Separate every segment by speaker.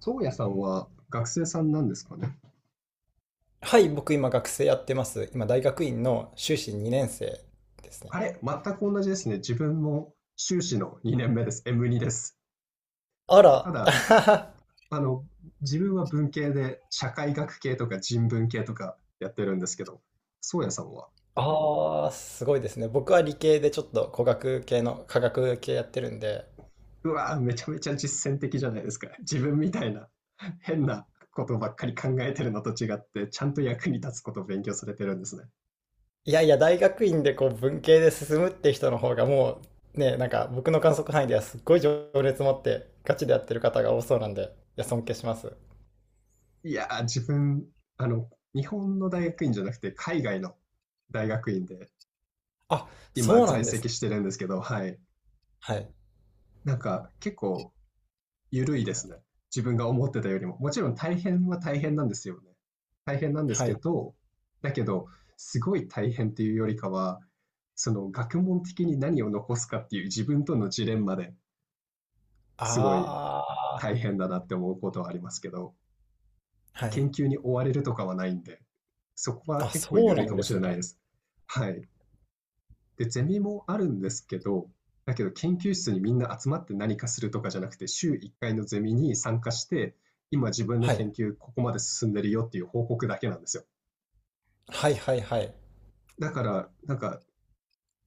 Speaker 1: 宗谷さんは学生さんなんですかね。
Speaker 2: はい、僕今学生やってます。今大学院の修士2年生です
Speaker 1: あ
Speaker 2: ね。
Speaker 1: れ、全く同じですね。自分も修士の2年目です。M2 です。
Speaker 2: あら、
Speaker 1: ただ、あの、自分は文系で社会学系とか人文系とかやってるんですけど、宗谷さんは、
Speaker 2: ああ、すごいですね。僕は理系でちょっと工学系の科学系やってるんで、
Speaker 1: うわー、めちゃめちゃ実践的じゃないですか。自分みたいな変なことばっかり考えてるのと違って、ちゃんと役に立つことを勉強されてるんですね。
Speaker 2: いやいや、大学院でこう文系で進むって人の方がもうね、僕の観測範囲ではすっごい情熱持ってガチでやってる方が多そうなんで、いや、尊敬します。
Speaker 1: いやー、自分、あの、日本の大学院じゃなくて海外の大学院で
Speaker 2: あ、
Speaker 1: 今
Speaker 2: そうな
Speaker 1: 在
Speaker 2: んです
Speaker 1: 籍
Speaker 2: ね。
Speaker 1: してるんですけど、はい。
Speaker 2: はい。
Speaker 1: なんか結構緩いですね。自分が思ってたよりも。もちろん大変は大変なんですよね。大変なんです
Speaker 2: は
Speaker 1: け
Speaker 2: い。
Speaker 1: ど、だけど、すごい大変っていうよりかは、その学問的に何を残すかっていう自分とのジレンマですごい
Speaker 2: ああ、
Speaker 1: 大変だなって思うことはありますけど、
Speaker 2: はい。
Speaker 1: 研究に追われるとかはないんで、そこは
Speaker 2: あ、
Speaker 1: 結構
Speaker 2: そう
Speaker 1: 緩
Speaker 2: な
Speaker 1: いか
Speaker 2: ん
Speaker 1: も
Speaker 2: で
Speaker 1: しれ
Speaker 2: す
Speaker 1: ない
Speaker 2: ね。
Speaker 1: です。はい。で、ゼミもあるんですけど、だけど研究室にみんな集まって何かするとかじゃなくて、週1回のゼミに参加して、今自分の
Speaker 2: はい。
Speaker 1: 研究ここまで進んでるよっていう報告だけなんですよ。
Speaker 2: はいはいはい。
Speaker 1: だから、なんか、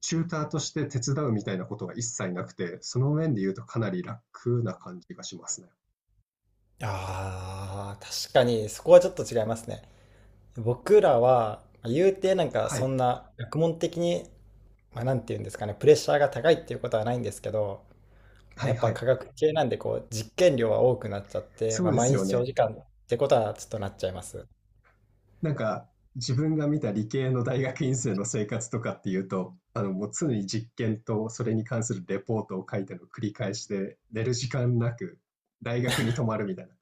Speaker 1: チューターとして手伝うみたいなことは一切なくて、その面で言うとかなり楽な感じがしますね。
Speaker 2: ああ、確かにそこはちょっと違いますね。僕らは、まあ言うてなんか
Speaker 1: は
Speaker 2: そ
Speaker 1: い。
Speaker 2: んな学問的に、まあ、なんて言うんですかね、プレッシャーが高いっていうことはないんですけど、まあ、
Speaker 1: は
Speaker 2: や
Speaker 1: い
Speaker 2: っ
Speaker 1: は
Speaker 2: ぱ科
Speaker 1: い。
Speaker 2: 学系なんでこう実験量は多くなっちゃって、
Speaker 1: そ
Speaker 2: まあ、
Speaker 1: うで
Speaker 2: 毎
Speaker 1: すよ
Speaker 2: 日長
Speaker 1: ね。
Speaker 2: 時間ってことはちょっとなっちゃいます。
Speaker 1: なんか、自分が見た理系の大学院生の生活とかっていうと、もう常に実験とそれに関するレポートを書いての繰り返しで、寝る時間なく大学に泊まるみたいな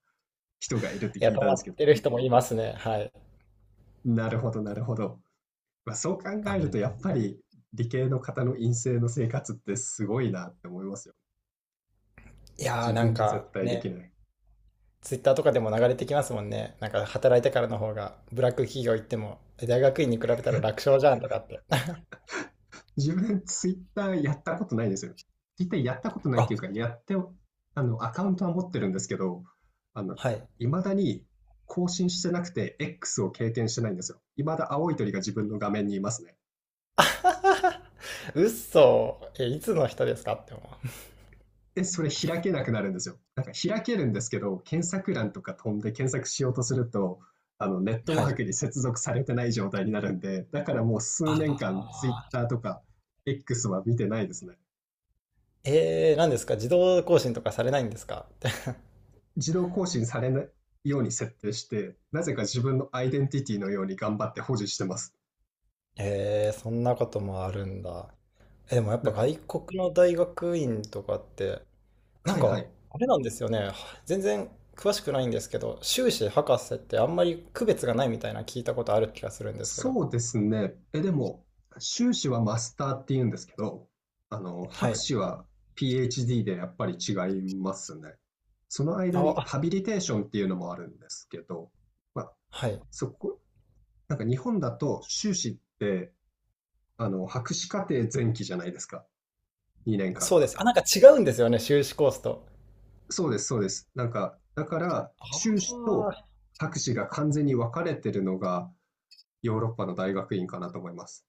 Speaker 1: 人がいるって
Speaker 2: いや、
Speaker 1: 聞
Speaker 2: 止
Speaker 1: いたん
Speaker 2: ま
Speaker 1: ですけ
Speaker 2: っ
Speaker 1: ど、
Speaker 2: てる人もいますね。はい。
Speaker 1: なるほど、なるほど。まあ、そう考える
Speaker 2: あ、
Speaker 1: と、やっぱり理系の方の院生の生活ってすごいなって思いますよ。
Speaker 2: いやー
Speaker 1: 自
Speaker 2: なん
Speaker 1: 分じゃ
Speaker 2: か
Speaker 1: 絶対でき
Speaker 2: ね、
Speaker 1: ない。
Speaker 2: ツイッターとかでも流れてきますもんね。なんか働いてからの方がブラック企業行っても、え大学院に比べたら楽勝じゃんとかって。
Speaker 1: 自分、ツイッターやったことないですよ。ツイッターやったことないって
Speaker 2: あ、
Speaker 1: いうか、やってあの、アカウントは持ってるんですけど、あの、
Speaker 2: はい。
Speaker 1: いまだに更新してなくて、X を経験してないんですよ。いまだ青い鳥が自分の画面にいますね。
Speaker 2: うっそーえ、いつの人ですかって思う。
Speaker 1: で、それ開けなくなるんですよ。なんか開けるんですけど、検索欄とか飛んで検索しようとすると、ネット
Speaker 2: は
Speaker 1: ワー
Speaker 2: い。
Speaker 1: クに接続されてない状態になるんで、だからもう数年
Speaker 2: あ
Speaker 1: 間、ツイッターとか X は見てないですね。
Speaker 2: ーえー、何ですか自動更新とかされないんですかって。
Speaker 1: 自動更新されないように設定して、なぜか自分のアイデンティティのように頑張って保持してます。
Speaker 2: えー、そんなこともあるんだ。え、でもやっぱ
Speaker 1: なんか、
Speaker 2: 外国の大学院とかって、な
Speaker 1: は
Speaker 2: ん
Speaker 1: いは
Speaker 2: か、
Speaker 1: い。
Speaker 2: あれなんですよね。全然詳しくないんですけど、修士博士ってあんまり区別がないみたいな聞いたことある気がするんですけど。
Speaker 1: そうですね。でも、修士はマスターって言うんですけど、
Speaker 2: は
Speaker 1: 博
Speaker 2: い。
Speaker 1: 士は PhD でやっぱり違いますね。その間
Speaker 2: あ、
Speaker 1: に
Speaker 2: あ
Speaker 1: ハビリテーションっていうのもあるんですけど、まあ、
Speaker 2: はい。
Speaker 1: そこ、なんか日本だと修士って、博士課程前期じゃないですか。2年間
Speaker 2: そうで
Speaker 1: が。
Speaker 2: す。あ、なんか違うんですよね、修士コースと。
Speaker 1: そうです、そうです。なんか、だから、
Speaker 2: あ
Speaker 1: 修士と
Speaker 2: あ
Speaker 1: 博士が完全に分かれてるのが、ヨーロッパの大学院かなと思います。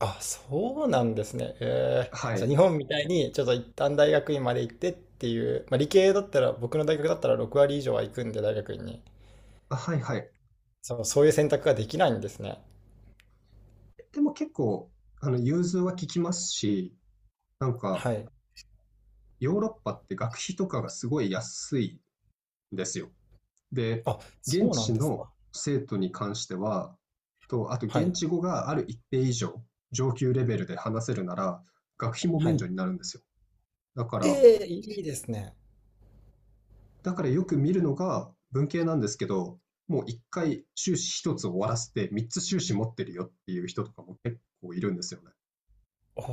Speaker 2: あ、そうなんですね。え
Speaker 1: は
Speaker 2: ーじゃあ
Speaker 1: い。
Speaker 2: 日本みたいにちょっと一旦大学院まで行ってっていう、まあ、理系だったら僕の大学だったら6割以上は行くんで大学院に。
Speaker 1: あ、はいはい。
Speaker 2: そう、そういう選択ができないんですね。
Speaker 1: でも結構、融通は効きますし、なんか、
Speaker 2: はい。
Speaker 1: ヨーロッパって学費とかがすごい安いんですよ。で、
Speaker 2: あ、
Speaker 1: 現
Speaker 2: そうなん
Speaker 1: 地
Speaker 2: です
Speaker 1: の
Speaker 2: か。
Speaker 1: 生徒に関しては、あと
Speaker 2: は
Speaker 1: 現
Speaker 2: い。
Speaker 1: 地語がある一定以上、上級レベルで話せるなら、学費も
Speaker 2: は
Speaker 1: 免
Speaker 2: い。
Speaker 1: 除になるんですよ。だから、
Speaker 2: ええいいですね。
Speaker 1: だから、よく見るのが文系なんですけど、もう一回修士一つ終わらせて三つ修士持ってるよっていう人とかも結構いるんですよね。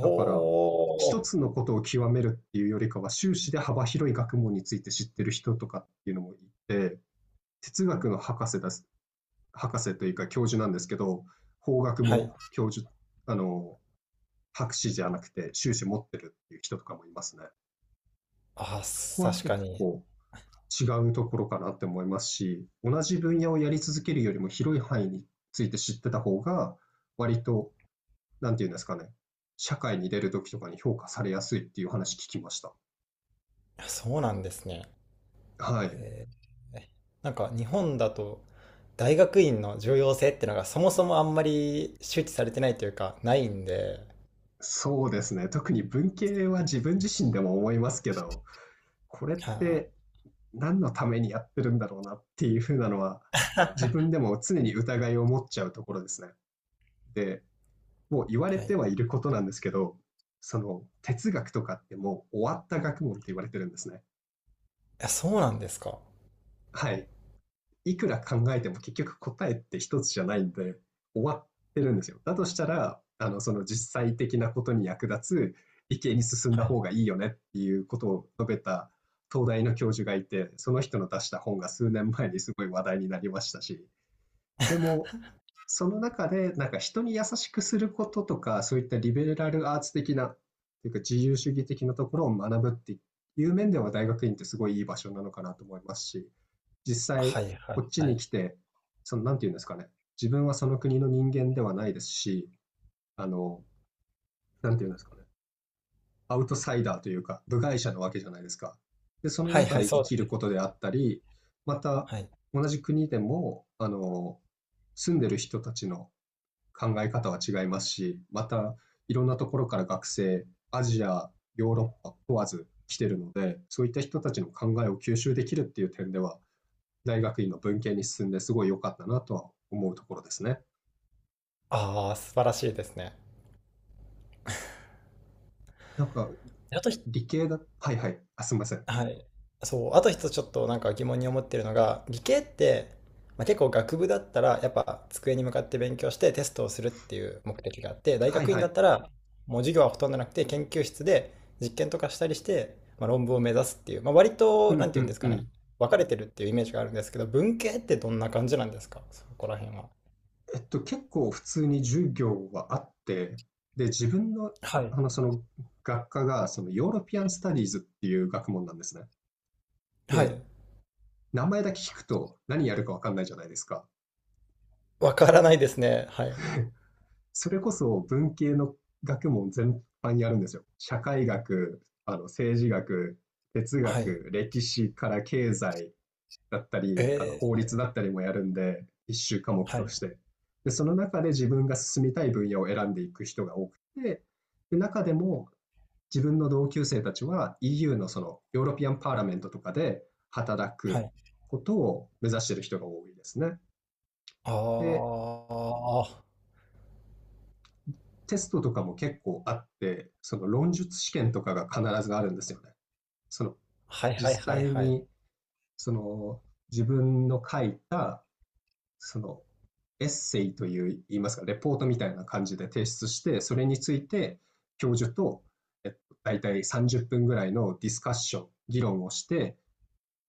Speaker 1: だから一
Speaker 2: お。
Speaker 1: つのことを極めるっていうよりかは修士で幅広い学問について知ってる人とかっていうのもいて、哲学の博士です。博士というか教授なんですけど、法学
Speaker 2: はい。
Speaker 1: も教授、あの、博士じゃなくて修士持ってるっていう人とかもいますね。
Speaker 2: あ、
Speaker 1: そ
Speaker 2: す
Speaker 1: こは
Speaker 2: 確
Speaker 1: 結
Speaker 2: かに。
Speaker 1: 構違うところかなって思いますし、同じ分野をやり続けるよりも広い範囲について知ってた方が、割と、なんていうんですかね、社会に出るときとかに評価されやすいっていう話聞きました。
Speaker 2: そうなんですね。
Speaker 1: はい。
Speaker 2: へえなんか日本だと大学院の重要性ってのがそもそもあんまり周知されてないというかないんで。
Speaker 1: そうですね。特に文系は自分自身でも思いますけど、これっ
Speaker 2: は
Speaker 1: て何のためにやってるんだろうなっていうふうなのは、自分でも常に疑いを持っちゃうところですね。で、もう言われ
Speaker 2: あ、は
Speaker 1: ては
Speaker 2: い。
Speaker 1: いることなんですけど、その哲学とかってもう終わった学問って言われてるんですね。
Speaker 2: あ、そうなんですか。
Speaker 1: はい。いくら考えても結局答えって一つじゃないんで、終わってるんですよ。だとしたら、その実際的なことに役立つ理系に進んだ
Speaker 2: はい。
Speaker 1: 方がいいよねっていうことを述べた東大の教授がいて、その人の出した本が数年前にすごい話題になりましたし、でも、その中で、なんか人に優しくすることとか、そういったリベラルアーツ的な、というか自由主義的なところを学ぶっていう面では大学院ってすごいいい場所なのかなと思いますし、実際
Speaker 2: はいはい
Speaker 1: こっち
Speaker 2: は
Speaker 1: に
Speaker 2: い。
Speaker 1: 来て、その、なんていうんですかね、自分はその国の人間ではないですし、あの、なんていうんですかね、アウトサイダーというか、部外者なわけじゃないですか。で、その
Speaker 2: はい
Speaker 1: 中
Speaker 2: はい、
Speaker 1: で
Speaker 2: そ
Speaker 1: 生
Speaker 2: う
Speaker 1: きる
Speaker 2: です。
Speaker 1: ことであったり、また
Speaker 2: はい。
Speaker 1: 同じ国でも、住んでる人たちの考え方は違いますし、またいろんなところから学生、アジア、ヨーロッパ問わず来てるので、そういった人たちの考えを吸収できるっていう点では、大学院の文系に進んですごい良かったなとは思うところですね。
Speaker 2: ああ、素晴らしいですね。
Speaker 1: なんか
Speaker 2: あとひ
Speaker 1: 理系だ、はいはい、あ、すみません。
Speaker 2: はい。そう、あと一つちょっとなんか疑問に思ってるのが、理系って、まあ、結構学部だったらやっぱ机に向かって勉強してテストをするっていう目的があって、大
Speaker 1: はい
Speaker 2: 学院
Speaker 1: は
Speaker 2: だっ
Speaker 1: い。
Speaker 2: たらもう授業はほとんどなくて研究室で実験とかしたりして、まあ、論文を目指すっていう、まあ、割
Speaker 1: う
Speaker 2: とな
Speaker 1: ん
Speaker 2: んて
Speaker 1: う
Speaker 2: いうんで
Speaker 1: ん
Speaker 2: す
Speaker 1: う
Speaker 2: かね、
Speaker 1: ん。
Speaker 2: 分かれてるっていうイメージがあるんですけど、文系ってどんな感じなんですか、そこら辺は。
Speaker 1: 結構普通に授業はあって、で、自分の、
Speaker 2: はい。
Speaker 1: その学科が、そのヨーロピアンスタディーズっていう学問なんですね。
Speaker 2: はい。
Speaker 1: で、名前だけ聞くと何やるか分かんないじゃないですか。
Speaker 2: わからないですね。はい。
Speaker 1: それこそ文系の学問全般やるんですよ。社会学、政治学、哲
Speaker 2: はい。
Speaker 1: 学、歴史から経済だったり、
Speaker 2: え
Speaker 1: 法
Speaker 2: ー
Speaker 1: 律だったりもやるんで、一修科目
Speaker 2: は
Speaker 1: と
Speaker 2: い。
Speaker 1: して。で、その中で自分が進みたい分野を選んでいく人が多くて、で、中でも自分の同級生たちは EU のそのヨーロピアンパーラメントとかで働
Speaker 2: は
Speaker 1: く
Speaker 2: い。
Speaker 1: ことを目指している人が多いですね。
Speaker 2: ああ、
Speaker 1: で、
Speaker 2: は
Speaker 1: テストとかも結構あって、その論述試験とかが必ずあるんですよね。その
Speaker 2: いはい
Speaker 1: 実
Speaker 2: はい
Speaker 1: 際
Speaker 2: はい。
Speaker 1: にその自分の書いたそのエッセイという言いますか、レポートみたいな感じで提出して、それについて教授と、えっと、大体30分ぐらいのディスカッション、議論をして、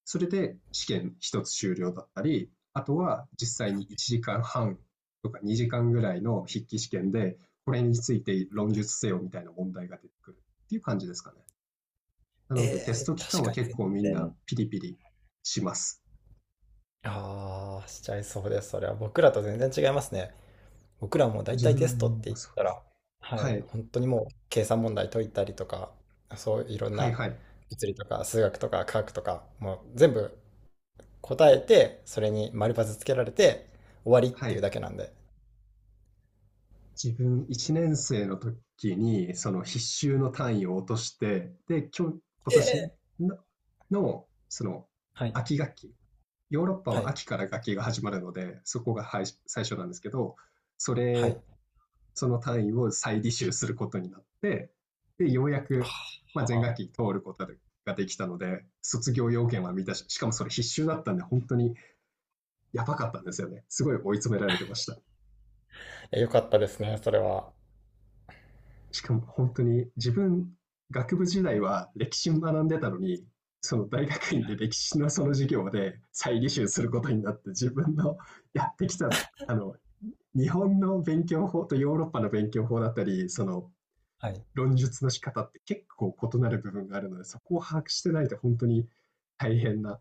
Speaker 1: それで試験一つ終了だったり、あとは実際に1時間半とか2時間ぐらいの筆記試験で、これについて論述せよみたいな問題が出てくるっていう感じですかね。なのでテス
Speaker 2: え
Speaker 1: ト
Speaker 2: ー
Speaker 1: 期間
Speaker 2: 確
Speaker 1: は
Speaker 2: かに
Speaker 1: 結構み
Speaker 2: 全
Speaker 1: んな
Speaker 2: 然、
Speaker 1: ピリピリします。
Speaker 2: ああ、しちゃいそうです。それは僕らと全然違いますね。僕らもだい
Speaker 1: 自
Speaker 2: たいテ
Speaker 1: 分
Speaker 2: ストって言
Speaker 1: も
Speaker 2: っ
Speaker 1: そう
Speaker 2: た
Speaker 1: です
Speaker 2: ら、
Speaker 1: ね。
Speaker 2: は
Speaker 1: は
Speaker 2: い、
Speaker 1: い。
Speaker 2: 本当にもう計算問題解いたりとか、そういろん
Speaker 1: はい
Speaker 2: な
Speaker 1: はい。
Speaker 2: 物理とか数学とか科学とか、もう全部答えて、それに丸パスつけられて終わりっ
Speaker 1: は
Speaker 2: ていう
Speaker 1: い。
Speaker 2: だけなんで。
Speaker 1: 自分1年生の時にその必修の単位を落として、で、今日、今
Speaker 2: え
Speaker 1: 年
Speaker 2: え、
Speaker 1: のその
Speaker 2: はい、
Speaker 1: 秋学期、ヨーロッパ
Speaker 2: は
Speaker 1: は
Speaker 2: い、
Speaker 1: 秋から学期が始まるので、そこがはい最初なんですけど、そ
Speaker 2: は
Speaker 1: れ、
Speaker 2: い。
Speaker 1: その単位を再履修することになって、で、ようやく、ま
Speaker 2: あ
Speaker 1: あ、前
Speaker 2: あ、
Speaker 1: 学期通ることができたので、卒業要件は満たし、しかもそれ必修だったんで、本当にやばかったんですよね。すごい追い詰められてました。
Speaker 2: え、良かったですね、それは。
Speaker 1: しかも本当に自分、学部時代は歴史学んでたのに、その大学院
Speaker 2: は
Speaker 1: で
Speaker 2: い。
Speaker 1: 歴史のその授業で再履修することになって、自分のやってきたあの日本の勉強法とヨーロッパの勉強法だったり、その
Speaker 2: はい。
Speaker 1: 論述の仕方って結構異なる部分があるので、そこを把握してないと本当に大変な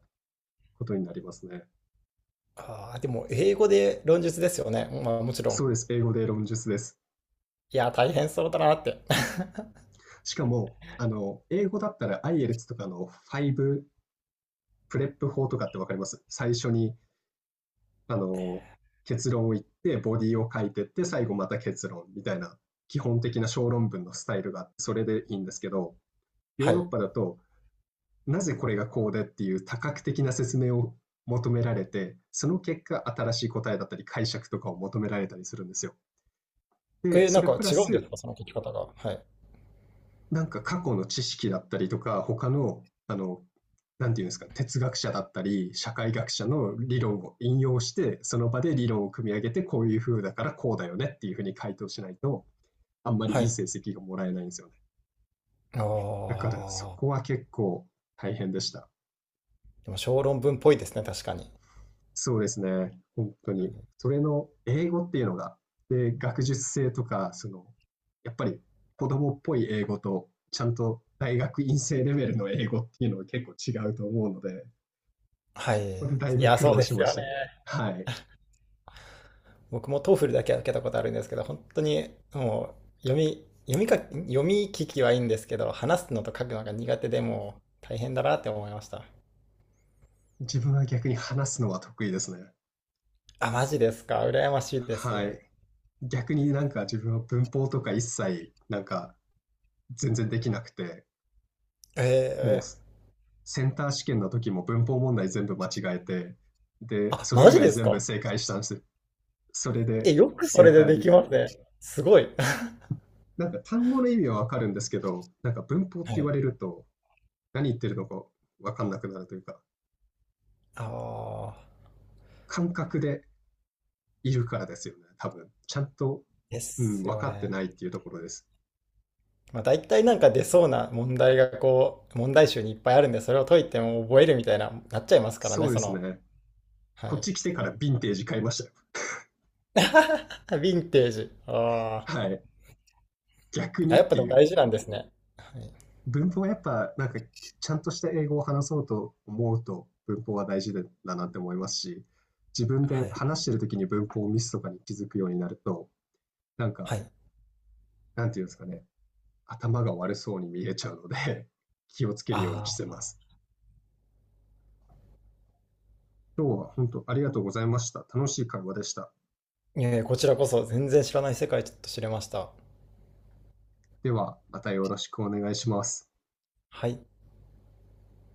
Speaker 1: ことになりますね。
Speaker 2: ああ、でも英語で論述ですよね。まあもちろん。
Speaker 1: そうです、英語で論述です。
Speaker 2: いや、大変そうだなって。
Speaker 1: しかも、英語だったら IELTS とかの5プレップ法とかってわかります？最初に、あの、結論を言って、ボディを書いてって、最後また結論みたいな基本的な小論文のスタイルがあって、それでいいんですけど、
Speaker 2: は
Speaker 1: ヨーロッ
Speaker 2: い。
Speaker 1: パだとなぜこれがこうでっていう多角的な説明を求められて、その結果、新しい答えだったり解釈とかを求められたりするんですよ。で、
Speaker 2: え、
Speaker 1: そ
Speaker 2: なん
Speaker 1: れ
Speaker 2: か
Speaker 1: プラ
Speaker 2: 違うんです
Speaker 1: ス、
Speaker 2: か、その書き方が。はい。
Speaker 1: なんか過去の知識だったりとか、他の、なんていうんですか、哲学者だったり、社会学者の理論を引用して、その場で理論を組み上げて、こういう風だからこうだよねっていう風に回答しないと、あんまり
Speaker 2: は
Speaker 1: いい
Speaker 2: い。
Speaker 1: 成績がもらえないんですよね。
Speaker 2: あ
Speaker 1: だからそ
Speaker 2: あ、
Speaker 1: こは結構大変でした。
Speaker 2: でも小論文っぽいですね、確かに。
Speaker 1: そうですね。本当に。それの英語っていうのが、で、学術性とか、その、やっぱり子供っぽい英語と、ちゃんと大学院生レベルの英語っていうのは結構違うと思うので、
Speaker 2: はい。
Speaker 1: ここでだい
Speaker 2: い
Speaker 1: ぶ
Speaker 2: や、
Speaker 1: 苦
Speaker 2: そう
Speaker 1: 労
Speaker 2: で
Speaker 1: し
Speaker 2: す
Speaker 1: ま
Speaker 2: よね。
Speaker 1: した。はい。
Speaker 2: 僕も TOEFL だけは受けたことあるんですけど、本当にもう読み、読み書き、読み聞きはいいんですけど、話すのと書くのが苦手でもう大変だなって思いました。
Speaker 1: 自分は逆に話すのは得意ですね。
Speaker 2: あ、マジですか。羨ましいで
Speaker 1: は
Speaker 2: す。
Speaker 1: い。逆になんか自分は文法とか一切、なんか全然できなくて、
Speaker 2: え
Speaker 1: もう
Speaker 2: え。
Speaker 1: センター試験の時も文法問題全部間違えて、で、
Speaker 2: あ、
Speaker 1: それ
Speaker 2: マ
Speaker 1: 以
Speaker 2: ジ
Speaker 1: 外
Speaker 2: です
Speaker 1: 全部
Speaker 2: か
Speaker 1: 正解したんです。それ
Speaker 2: え、
Speaker 1: で
Speaker 2: よくそ
Speaker 1: セ
Speaker 2: れ
Speaker 1: ンタ
Speaker 2: で
Speaker 1: ー
Speaker 2: でき
Speaker 1: に。
Speaker 2: ますね。すごい。
Speaker 1: なんか単語の意味はわかるんですけど、なんか文法って
Speaker 2: は
Speaker 1: 言わ
Speaker 2: い。
Speaker 1: れると何言ってるのかわかんなくなるというか、
Speaker 2: ああ、
Speaker 1: 感覚でいるからですよね、多分。ちゃんと、
Speaker 2: で
Speaker 1: うん、
Speaker 2: す
Speaker 1: 分
Speaker 2: よ
Speaker 1: かって
Speaker 2: ね。
Speaker 1: ないっていうところです。
Speaker 2: まあ、大体なんか出そうな問題がこう、問題集にいっぱいあるんで、それを解いても覚えるみたいな、なっちゃいますから
Speaker 1: そ
Speaker 2: ね、
Speaker 1: うで
Speaker 2: そ
Speaker 1: す
Speaker 2: の。
Speaker 1: ね。
Speaker 2: は
Speaker 1: こっ
Speaker 2: い。
Speaker 1: ち来てからヴィンテージ買いましたよ。
Speaker 2: ヴィンテージ。あー
Speaker 1: はい。逆に
Speaker 2: あ、
Speaker 1: っ
Speaker 2: やっぱ
Speaker 1: て
Speaker 2: でも
Speaker 1: いう。
Speaker 2: 大事なんですね。はい。
Speaker 1: 文法はやっぱなんかちゃんとした英語を話そうと思うと文法は大事だなって思いますし、自分
Speaker 2: は
Speaker 1: で
Speaker 2: い。
Speaker 1: 話してる時に文法をミスとかに気づくようになると、なん
Speaker 2: は
Speaker 1: か、
Speaker 2: い。
Speaker 1: なんていうんですかね、頭が悪そうに見えちゃうので 気をつけるように
Speaker 2: あ
Speaker 1: してま
Speaker 2: あ、
Speaker 1: す。今日は本当ありがとうございました。楽しい会話でした。
Speaker 2: いえいえこちらこそ全然知らない世界ちょっと知れました。
Speaker 1: では、またよろしくお願いします。
Speaker 2: はい。